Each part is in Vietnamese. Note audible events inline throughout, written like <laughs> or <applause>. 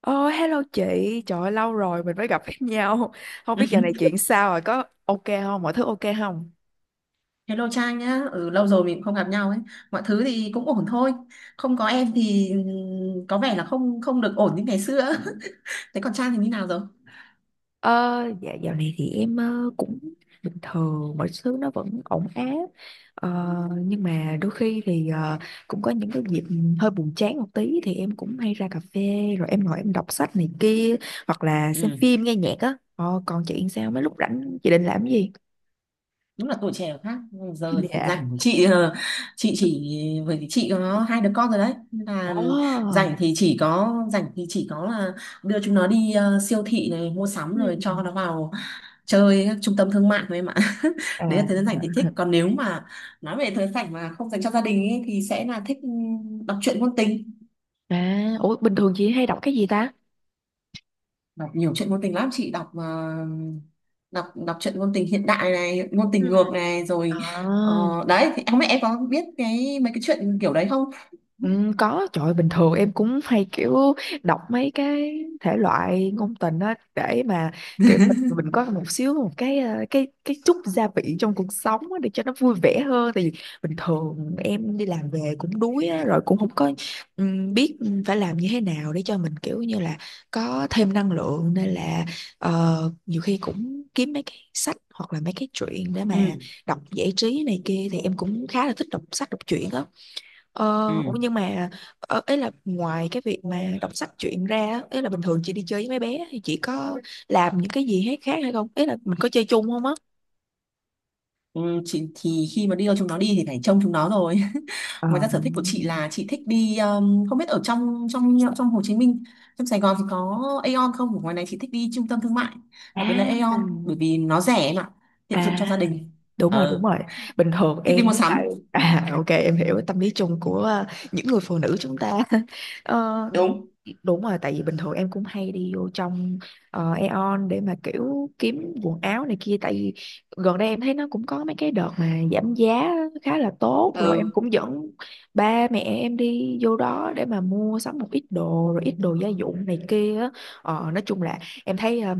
Ôi, hello chị, trời ơi, lâu rồi mình mới gặp <laughs> nhau. Không biết giờ này <laughs> chuyện sao rồi, có ok không, mọi thứ ok không? Hello Trang nhá, ừ, lâu rồi mình cũng không gặp nhau ấy. Mọi thứ thì cũng ổn thôi. Không có em thì có vẻ là không không được ổn như ngày xưa. <laughs> Thế còn Trang thì như nào rồi? Ờ, dạ dạo này thì em cũng bình thường, mọi thứ nó vẫn ổn áp. Ờ, nhưng mà đôi khi thì cũng có những cái dịp hơi buồn chán một tí thì em cũng hay ra cà phê, rồi em ngồi em đọc sách này kia hoặc là xem Ừ, phim nghe nhạc á. Ờ, còn chị sao, mấy lúc rảnh chị định làm cái gì? đúng là tuổi trẻ khác. Giờ thì Dạ. rảnh chị chỉ bởi vì chị có hai đứa con rồi đấy. Nên Ồ. là rảnh thì chỉ có là đưa chúng nó đi siêu thị này mua sắm Ừ. rồi cho nó vào chơi các trung tâm thương mại thôi em ạ. <laughs> Đấy là À. thời gian rảnh thì thích, còn nếu mà nói về thời gian rảnh mà không dành cho gia đình ấy, thì sẽ là thích đọc truyện ngôn tình. À, ủa bình thường chị hay đọc cái gì ta? Đọc nhiều truyện ngôn tình lắm. Chị đọc đọc đọc truyện ngôn tình hiện đại này, ngôn Ừ. tình ngược này, rồi À. ờ, đấy thì không biết em có biết cái mấy cái chuyện kiểu đấy không? Ừ, có, trời ơi, bình thường em cũng hay kiểu đọc mấy cái thể loại ngôn tình á, để mà kiểu mình, <laughs> mình có một xíu, một cái chút gia vị trong cuộc sống á, để cho nó vui vẻ hơn. Tại vì bình thường em đi làm về cũng đuối á, rồi cũng không có biết phải làm như thế nào để cho mình kiểu như là có thêm năng lượng. Nên là nhiều khi cũng kiếm mấy cái sách hoặc là mấy cái truyện để mà Ừ. đọc giải trí này kia, thì em cũng khá là thích đọc sách đọc truyện á. Ờ, ủa, Ừ. nhưng mà ấy là ngoài cái việc mà đọc sách truyện ra á, ấy là bình thường chị đi chơi với mấy bé thì chị có làm những cái gì hết khác hay không? Ấy là mình có chơi chung không á? Ừ, chị thì khi mà đi đâu chúng nó đi thì phải trông chúng nó rồi. Ờ. <laughs> Ngoài ra sở thích của chị là chị thích đi, không biết ở trong trong trong Hồ Chí Minh, trong Sài Gòn thì có Aeon không, ở ngoài này chị thích đi trung tâm thương mại, đặc biệt là À, Aeon bởi vì nó rẻ em ạ, tiện dụng cho à, gia đình. đúng rồi, đúng ờ rồi, bình thường Thích đi em mua với lại, sắm. à, ok em hiểu tâm lý chung của những người phụ nữ chúng ta. <laughs> Ờ, Đúng. đúng rồi, tại vì bình thường em cũng hay đi vô trong Aeon để mà kiểu kiếm quần áo này kia, tại vì gần đây em thấy nó cũng có mấy cái đợt mà giảm giá khá là tốt, rồi em Ừ. cũng dẫn ba mẹ em đi vô đó để mà mua sắm một ít đồ rồi ít đồ gia dụng này kia á. Ờ, nói chung là em thấy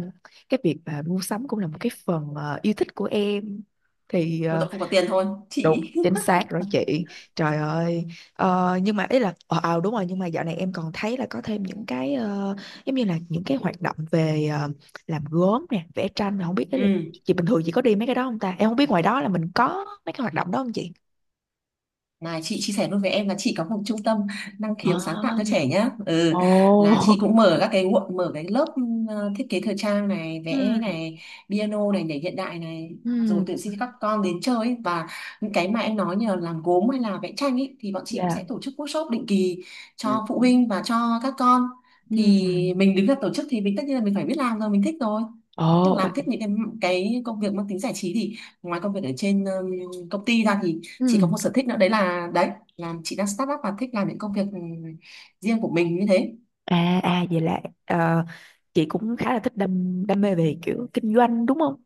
cái việc mà mua sắm cũng là một cái phần yêu thích của em thì Một ờ, tội không có tiền thôi Đúng, chị. chính xác rồi chị. Trời ơi. Ờ, nhưng mà ý là đúng rồi, nhưng mà dạo này em còn thấy là có thêm những cái giống như là những cái hoạt động về làm gốm nè, vẽ tranh, mà không biết <laughs> đấy là, Ừ. chị bình thường chị có đi mấy cái đó không ta? Em không biết ngoài đó là mình có mấy cái hoạt động đó không chị? Này, chị chia sẻ luôn với em là chị có một trung tâm năng khiếu sáng tạo À, cho trẻ nhá. ồ. Ừ, là chị cũng <laughs> mở các cái nguộn, mở cái lớp thiết kế thời trang này, vẽ Ừ, này, piano này, nhảy hiện đại này, rồi ừ, tuyển sinh cho các con đến chơi ấy. Và những cái mà em nói như là làm gốm hay là vẽ tranh ấy thì bọn chị cũng dạ. sẽ tổ chức workshop định kỳ Ừ, cho phụ huynh và cho các con. ừ. Thì mình đứng ra tổ chức thì mình tất nhiên là mình phải biết làm rồi, mình thích rồi. Ồ, Tức là à, làm thích những cái công việc mang tính giải trí, thì ngoài công việc ở trên công ty ra thì chị có ừ. một sở thích nữa, đấy là chị đang start up và thích làm những công việc riêng của mình như thế. À, vậy là chị cũng khá là thích đam đam mê về kiểu kinh doanh đúng không?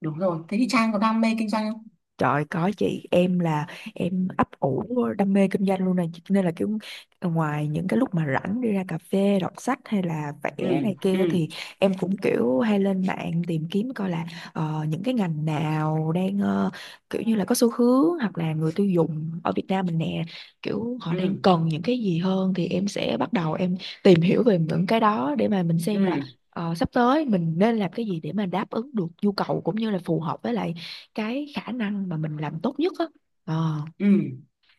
Đúng rồi, thế thì Trang có đam mê kinh doanh không? Trời có chị, em là em ấp ủ đam mê kinh doanh luôn này, cho nên là kiểu ngoài những cái lúc mà rảnh đi ra cà phê đọc sách hay là Ừ. vẽ này kia Ừ. thì em cũng kiểu hay lên mạng tìm kiếm coi là những cái ngành nào đang kiểu như là có xu hướng, hoặc là người tiêu dùng ở Việt Nam mình nè kiểu họ đang Ừ. cần những cái gì hơn, thì em sẽ bắt đầu em tìm hiểu về những cái đó để mà mình xem là Ừ. Sắp tới mình nên làm cái gì để mà đáp ứng được nhu cầu cũng như là phù hợp với lại cái khả năng mà mình làm tốt nhất á. Ờ. Ừ.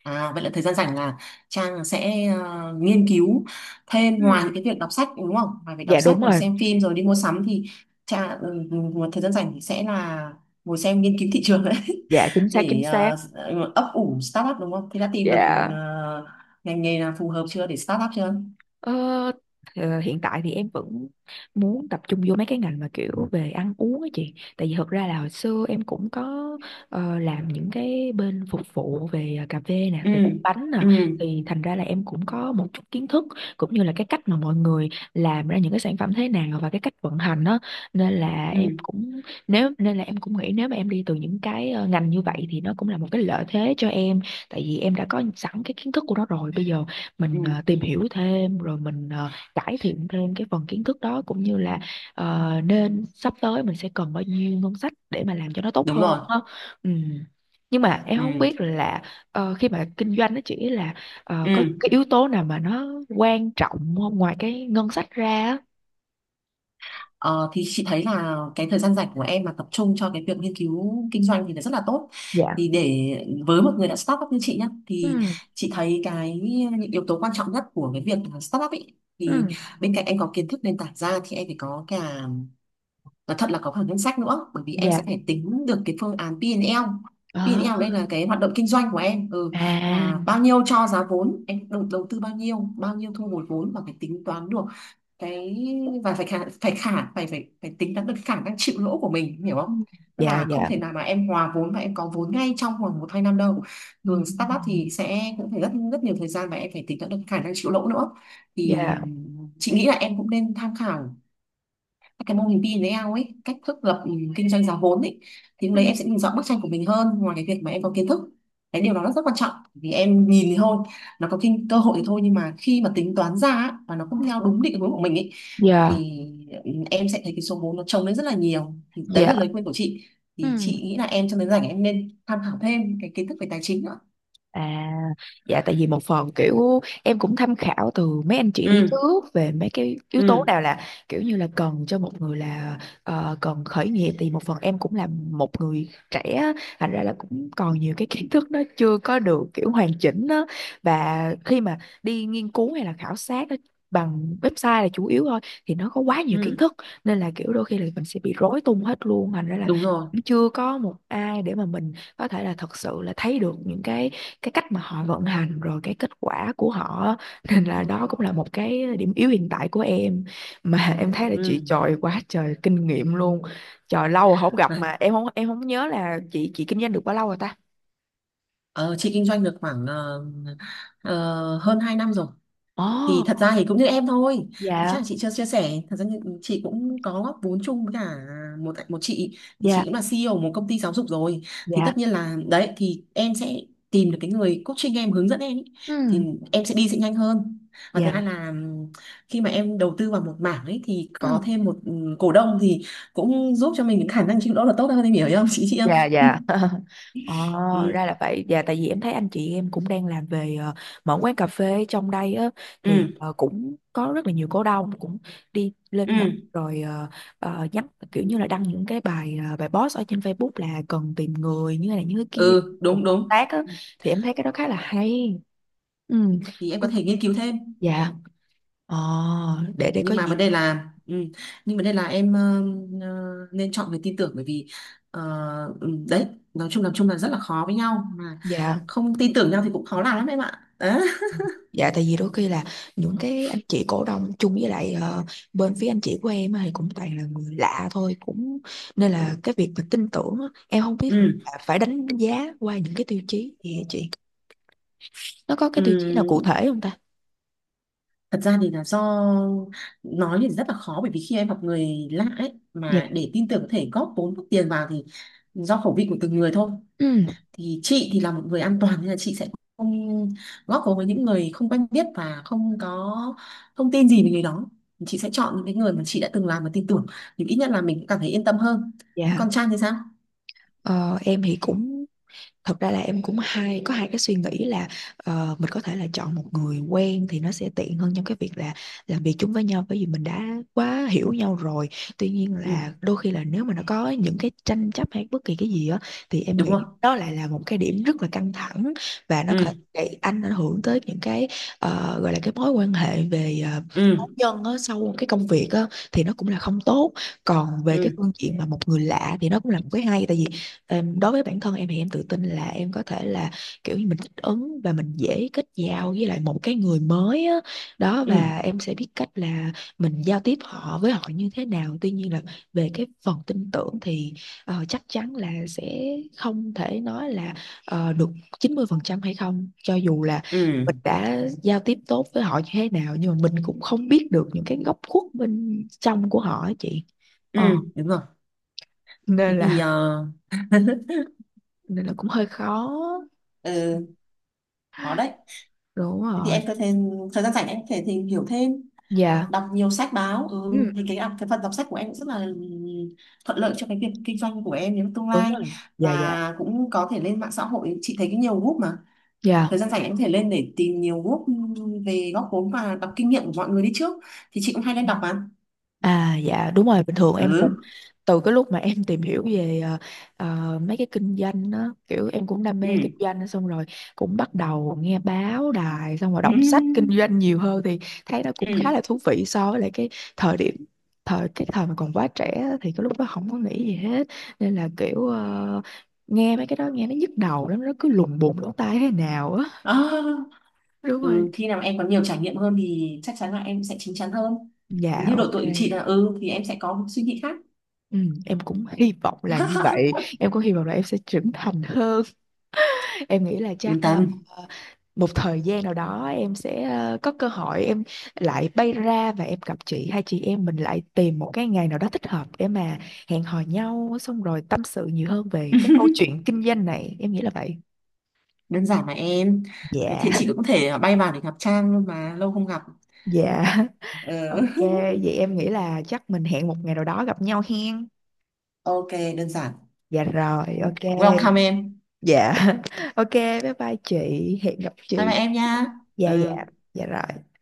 À, vậy là thời gian rảnh là Trang sẽ nghiên cứu thêm ngoài Ừ. những cái việc đọc sách, đúng không, ngoài việc Dạ, đọc đúng sách rồi rồi. xem phim rồi đi mua sắm thì Trang, một thời gian rảnh thì sẽ là ngồi xem nghiên cứu thị trường đấy. Dạ, chính <laughs> xác, chính Để xác. Ấp ủ startup đúng không, thì đã tìm được Dạ. ờ, ngành nghề nào phù hợp chưa để startup chưa? Ờ, Hiện tại thì em vẫn muốn tập trung vô mấy cái ngành mà kiểu về ăn uống á chị, tại vì thật ra là hồi xưa em cũng có làm những cái bên phục vụ về cà phê nè, Ừ. về bánh nè, Ừ. thì thành ra là em cũng có một chút kiến thức, cũng như là cái cách mà mọi người làm ra những cái sản phẩm thế nào và cái cách vận hành đó, nên là em Ừ. cũng nghĩ nếu mà em đi từ những cái ngành như vậy thì nó cũng là một cái lợi thế cho em, tại vì em đã có sẵn cái kiến thức của nó rồi. Bây giờ Ừ. mình tìm hiểu thêm, rồi mình cải thiện thêm cái phần kiến thức đó, cũng như là nên sắp tới mình sẽ cần bao nhiêu ngân sách để mà làm cho nó tốt Đúng hơn rồi. đó. Ừ. Nhưng mà em không Ừ. biết là khi mà kinh doanh nó chỉ là Ừ. có cái yếu tố nào mà nó quan trọng không ngoài cái ngân sách ra á? Ờ, thì chị thấy là cái thời gian rảnh của em mà tập trung cho cái việc nghiên cứu kinh doanh thì nó rất là tốt. Thì Dạ. để, với một người đã start up như chị nhá, thì Ừ. chị thấy cái những yếu tố quan trọng nhất của cái việc là start up ấy, thì Ừ. bên cạnh em có kiến thức nền tảng ra thì em phải có cả, nói thật là có cả ngân sách nữa, bởi vì em Dạ. sẽ phải tính được cái phương án P&L. Ờ, P&L đây là cái hoạt động kinh doanh của em, à. là bao nhiêu cho giá vốn, em đầu tư bao nhiêu, bao nhiêu thu hồi vốn, và phải tính toán được cái, và phải tính toán được khả năng chịu lỗ của mình, em hiểu không? Ừ. Tức Dạ là không dạ. thể nào mà em hòa vốn và em có vốn ngay trong vòng một hai năm đâu. Ừ. Thường startup thì sẽ cũng phải rất rất nhiều thời gian, và em phải tính toán được khả năng chịu lỗ nữa. Thì Dạ. chị nghĩ là em cũng nên tham khảo cái mô hình pin với ao ấy, cách thức lập kinh doanh giá vốn ấy, thì lúc Ừ. đấy em sẽ nhìn rõ bức tranh của mình hơn, ngoài cái việc mà em có kiến thức. Cái điều đó nó rất quan trọng, vì em nhìn thì thôi, nó có cơ hội thì thôi, nhưng mà khi mà tính toán ra á, và nó không theo Ừ. đúng định hướng của mình ấy, Dạ. thì em sẽ thấy cái số vốn nó chồng lên rất là nhiều. Thì đấy Dạ. là lời khuyên của chị. Thì Ừ. chị nghĩ là em trong đến rảnh em nên tham khảo thêm cái kiến thức về tài chính nữa. À, dạ, tại vì một phần kiểu em cũng tham khảo từ mấy anh chị đi Ừ. trước về mấy cái yếu tố Ừ. nào là kiểu như là cần cho một người là cần khởi nghiệp, thì một phần em cũng là một người trẻ á, thành ra là cũng còn nhiều cái kiến thức nó chưa có được kiểu hoàn chỉnh đó. Và khi mà đi nghiên cứu hay là khảo sát á, bằng website là chủ yếu thôi, thì nó có quá nhiều kiến Ừ. thức, nên là kiểu đôi khi là mình sẽ bị rối tung hết luôn, thành ra là Đúng rồi. cũng chưa có một ai để mà mình có thể là thật sự là thấy được những cái cách mà họ vận hành rồi cái kết quả của họ, nên là đó cũng là một cái điểm yếu hiện tại của em mà. <laughs> Em thấy là Ừ. chị trời quá trời kinh nghiệm luôn, trời lâu rồi không gặp Đấy. mà em không nhớ là chị kinh doanh được bao lâu rồi ta? Ờ, chị kinh doanh được khoảng hơn 2 năm rồi. Ồ. Thì thật ra thì cũng như em thôi. Thì chắc là Dạ chị chưa chia sẻ, thật ra thì chị cũng có góp vốn chung với cả một một chị, thì dạ chị cũng là CEO một công ty giáo dục rồi. Thì dạ, tất nhiên là đấy, thì em sẽ tìm được cái người coaching em, hướng dẫn em ý. Thì ừ, em sẽ đi sẽ nhanh hơn. Và thứ hai dạ, là khi mà em đầu tư vào một mảng ấy thì có ừ. thêm một cổ đông thì cũng giúp cho mình những khả năng chịu lỗ là tốt hơn, em hiểu không Chị không. Dạ dạ. <laughs> ờ, Ừ. ra là vậy, dạ, tại vì em thấy anh chị em cũng đang làm về mở quán cà phê trong đây á, thì Ừ. Cũng có rất là nhiều cổ đông cũng đi lên mạng Ừ. rồi nhắn kiểu như là đăng những cái bài post ở trên Facebook là cần tìm người như thế này như thế kia Ừ. cùng Đúng, hợp đúng. tác á, thì em thấy cái đó khá là hay. Ừ. Thì em có thể nghiên cứu thêm. Dạ, ờ, để nhưng có mà gì. vấn đề là ừ, nhưng vấn đề là em nên chọn người tin tưởng, bởi vì ờ, đấy, nói chung là rất là khó, với nhau mà Dạ. không tin tưởng nhau thì cũng khó làm lắm em ạ, đấy. Dạ, tại vì đôi khi là những cái anh chị cổ đông chung với lại bên phía anh chị của em á thì cũng toàn là người lạ thôi, cũng nên là cái việc mà tin tưởng á, em không biết là Ừ. phải đánh giá qua những cái tiêu chí gì hả chị, nó có cái Ừ. tiêu chí nào cụ thể không ta? Thật ra thì là do, nói thì rất là khó, bởi vì khi em gặp người lạ ấy Dạ. mà để tin tưởng có thể góp vốn, góp tiền vào, thì do khẩu vị của từng người thôi. Ừ, Thì chị thì là một người an toàn, nên là chị sẽ không góp vốn với những người không quen biết và không có thông tin gì về người đó. Chị sẽ chọn những cái người mà chị đã từng làm và tin tưởng, thì ít nhất là mình cũng cảm thấy yên tâm hơn. dạ. Còn Trang thì sao? Ờ, em thì cũng, thật ra là em cũng hay có hai cái suy nghĩ là mình có thể là chọn một người quen thì nó sẽ tiện hơn trong cái việc là làm việc chung với nhau bởi vì mình đã quá hiểu nhau rồi. Tuy nhiên Ừ. là đôi khi là nếu mà nó có những cái tranh chấp hay bất kỳ cái gì á thì em Đúng nghĩ rồi. đó lại là một cái điểm rất là căng thẳng và nó Ừ. có để ảnh hưởng tới những cái gọi là cái mối quan hệ về cá Ừ. nhân á, sau cái công việc á, thì nó cũng là không tốt. Còn về Ừ. cái phương diện mà một người lạ thì nó cũng là một cái hay, tại vì đối với bản thân em thì em tự tin là em có thể là kiểu như mình thích ứng và mình dễ kết giao với lại một cái người mới á. Đó, Ừ. và em sẽ biết cách là mình giao tiếp họ với họ như thế nào. Tuy nhiên là về cái phần tin tưởng thì chắc chắn là sẽ không thể nói là được 90% hay không, cho dù là Ừ. mình đã giao tiếp tốt với họ như thế nào nhưng mà mình cũng không biết được những cái góc khuất bên trong của họ á chị. Ừ. Ờ, Đúng rồi. Thế nên thì là nên là cũng hơi khó, ừ, có đấy. đúng Thế thì rồi. Ờ. em có thể, thời gian rảnh em có thể tìm hiểu thêm, Dạ. đọc nhiều sách báo, Ừ. Ừ. thì cái phần đọc sách của em cũng rất là thuận lợi cho cái việc kinh doanh của em trong tương Đúng lai. rồi. Dạ dạ Và cũng có thể lên mạng xã hội, chị thấy cái nhiều group mà, thời dạ, gian rảnh em có thể lên để tìm nhiều group về góp vốn và đọc kinh nghiệm của mọi người đi trước, thì chị cũng hay lên đọc mà. à, dạ, đúng rồi, bình thường em cũng Ừ. từ cái lúc mà em tìm hiểu về mấy cái kinh doanh đó, kiểu em cũng đam mê kinh Ừ. doanh xong rồi cũng bắt đầu nghe báo đài xong rồi Ừ. đọc sách kinh doanh nhiều hơn, thì thấy nó cũng khá là Ừ, thú vị so với lại cái thời điểm thời cái thời mà còn quá trẻ á, thì cái lúc đó không có nghĩ gì hết, nên là kiểu nghe mấy cái đó nghe nó nhức đầu lắm, nó cứ lùng bùng lỗ tai thế nào á. <laughs> à, Đúng rồi. ừ. Khi nào em có nhiều trải nghiệm hơn thì chắc chắn là em sẽ chín chắn hơn, Dạ, như độ ok. tuổi của chị là thì em sẽ có một suy nghĩ khác. Ừ, em cũng hy vọng là như vậy. <laughs> Em cũng hy vọng là em sẽ trưởng thành hơn. Em nghĩ là chắc Yên tâm. một thời gian nào đó em sẽ có cơ hội, em lại bay ra và em gặp chị, hai chị em mình lại tìm một cái ngày nào đó thích hợp để mà hẹn hò nhau xong rồi tâm sự nhiều hơn về cái câu <laughs> chuyện kinh doanh này, em nghĩ là vậy. Đơn giản mà em, có thể Dạ chị cũng có thể bay vào để gặp Trang luôn mà, lâu không gặp. dạ. <laughs> Ok, Ừ. <laughs> vậy em nghĩ là chắc mình hẹn một ngày nào đó gặp nhau hen. Ok, đơn giản. Dạ rồi, ok. Welcome em. Dạ. <laughs> Ok, bye bye chị. Hẹn gặp Bye bye chị. em nha. Ừ. Dạ dạ. Dạ rồi.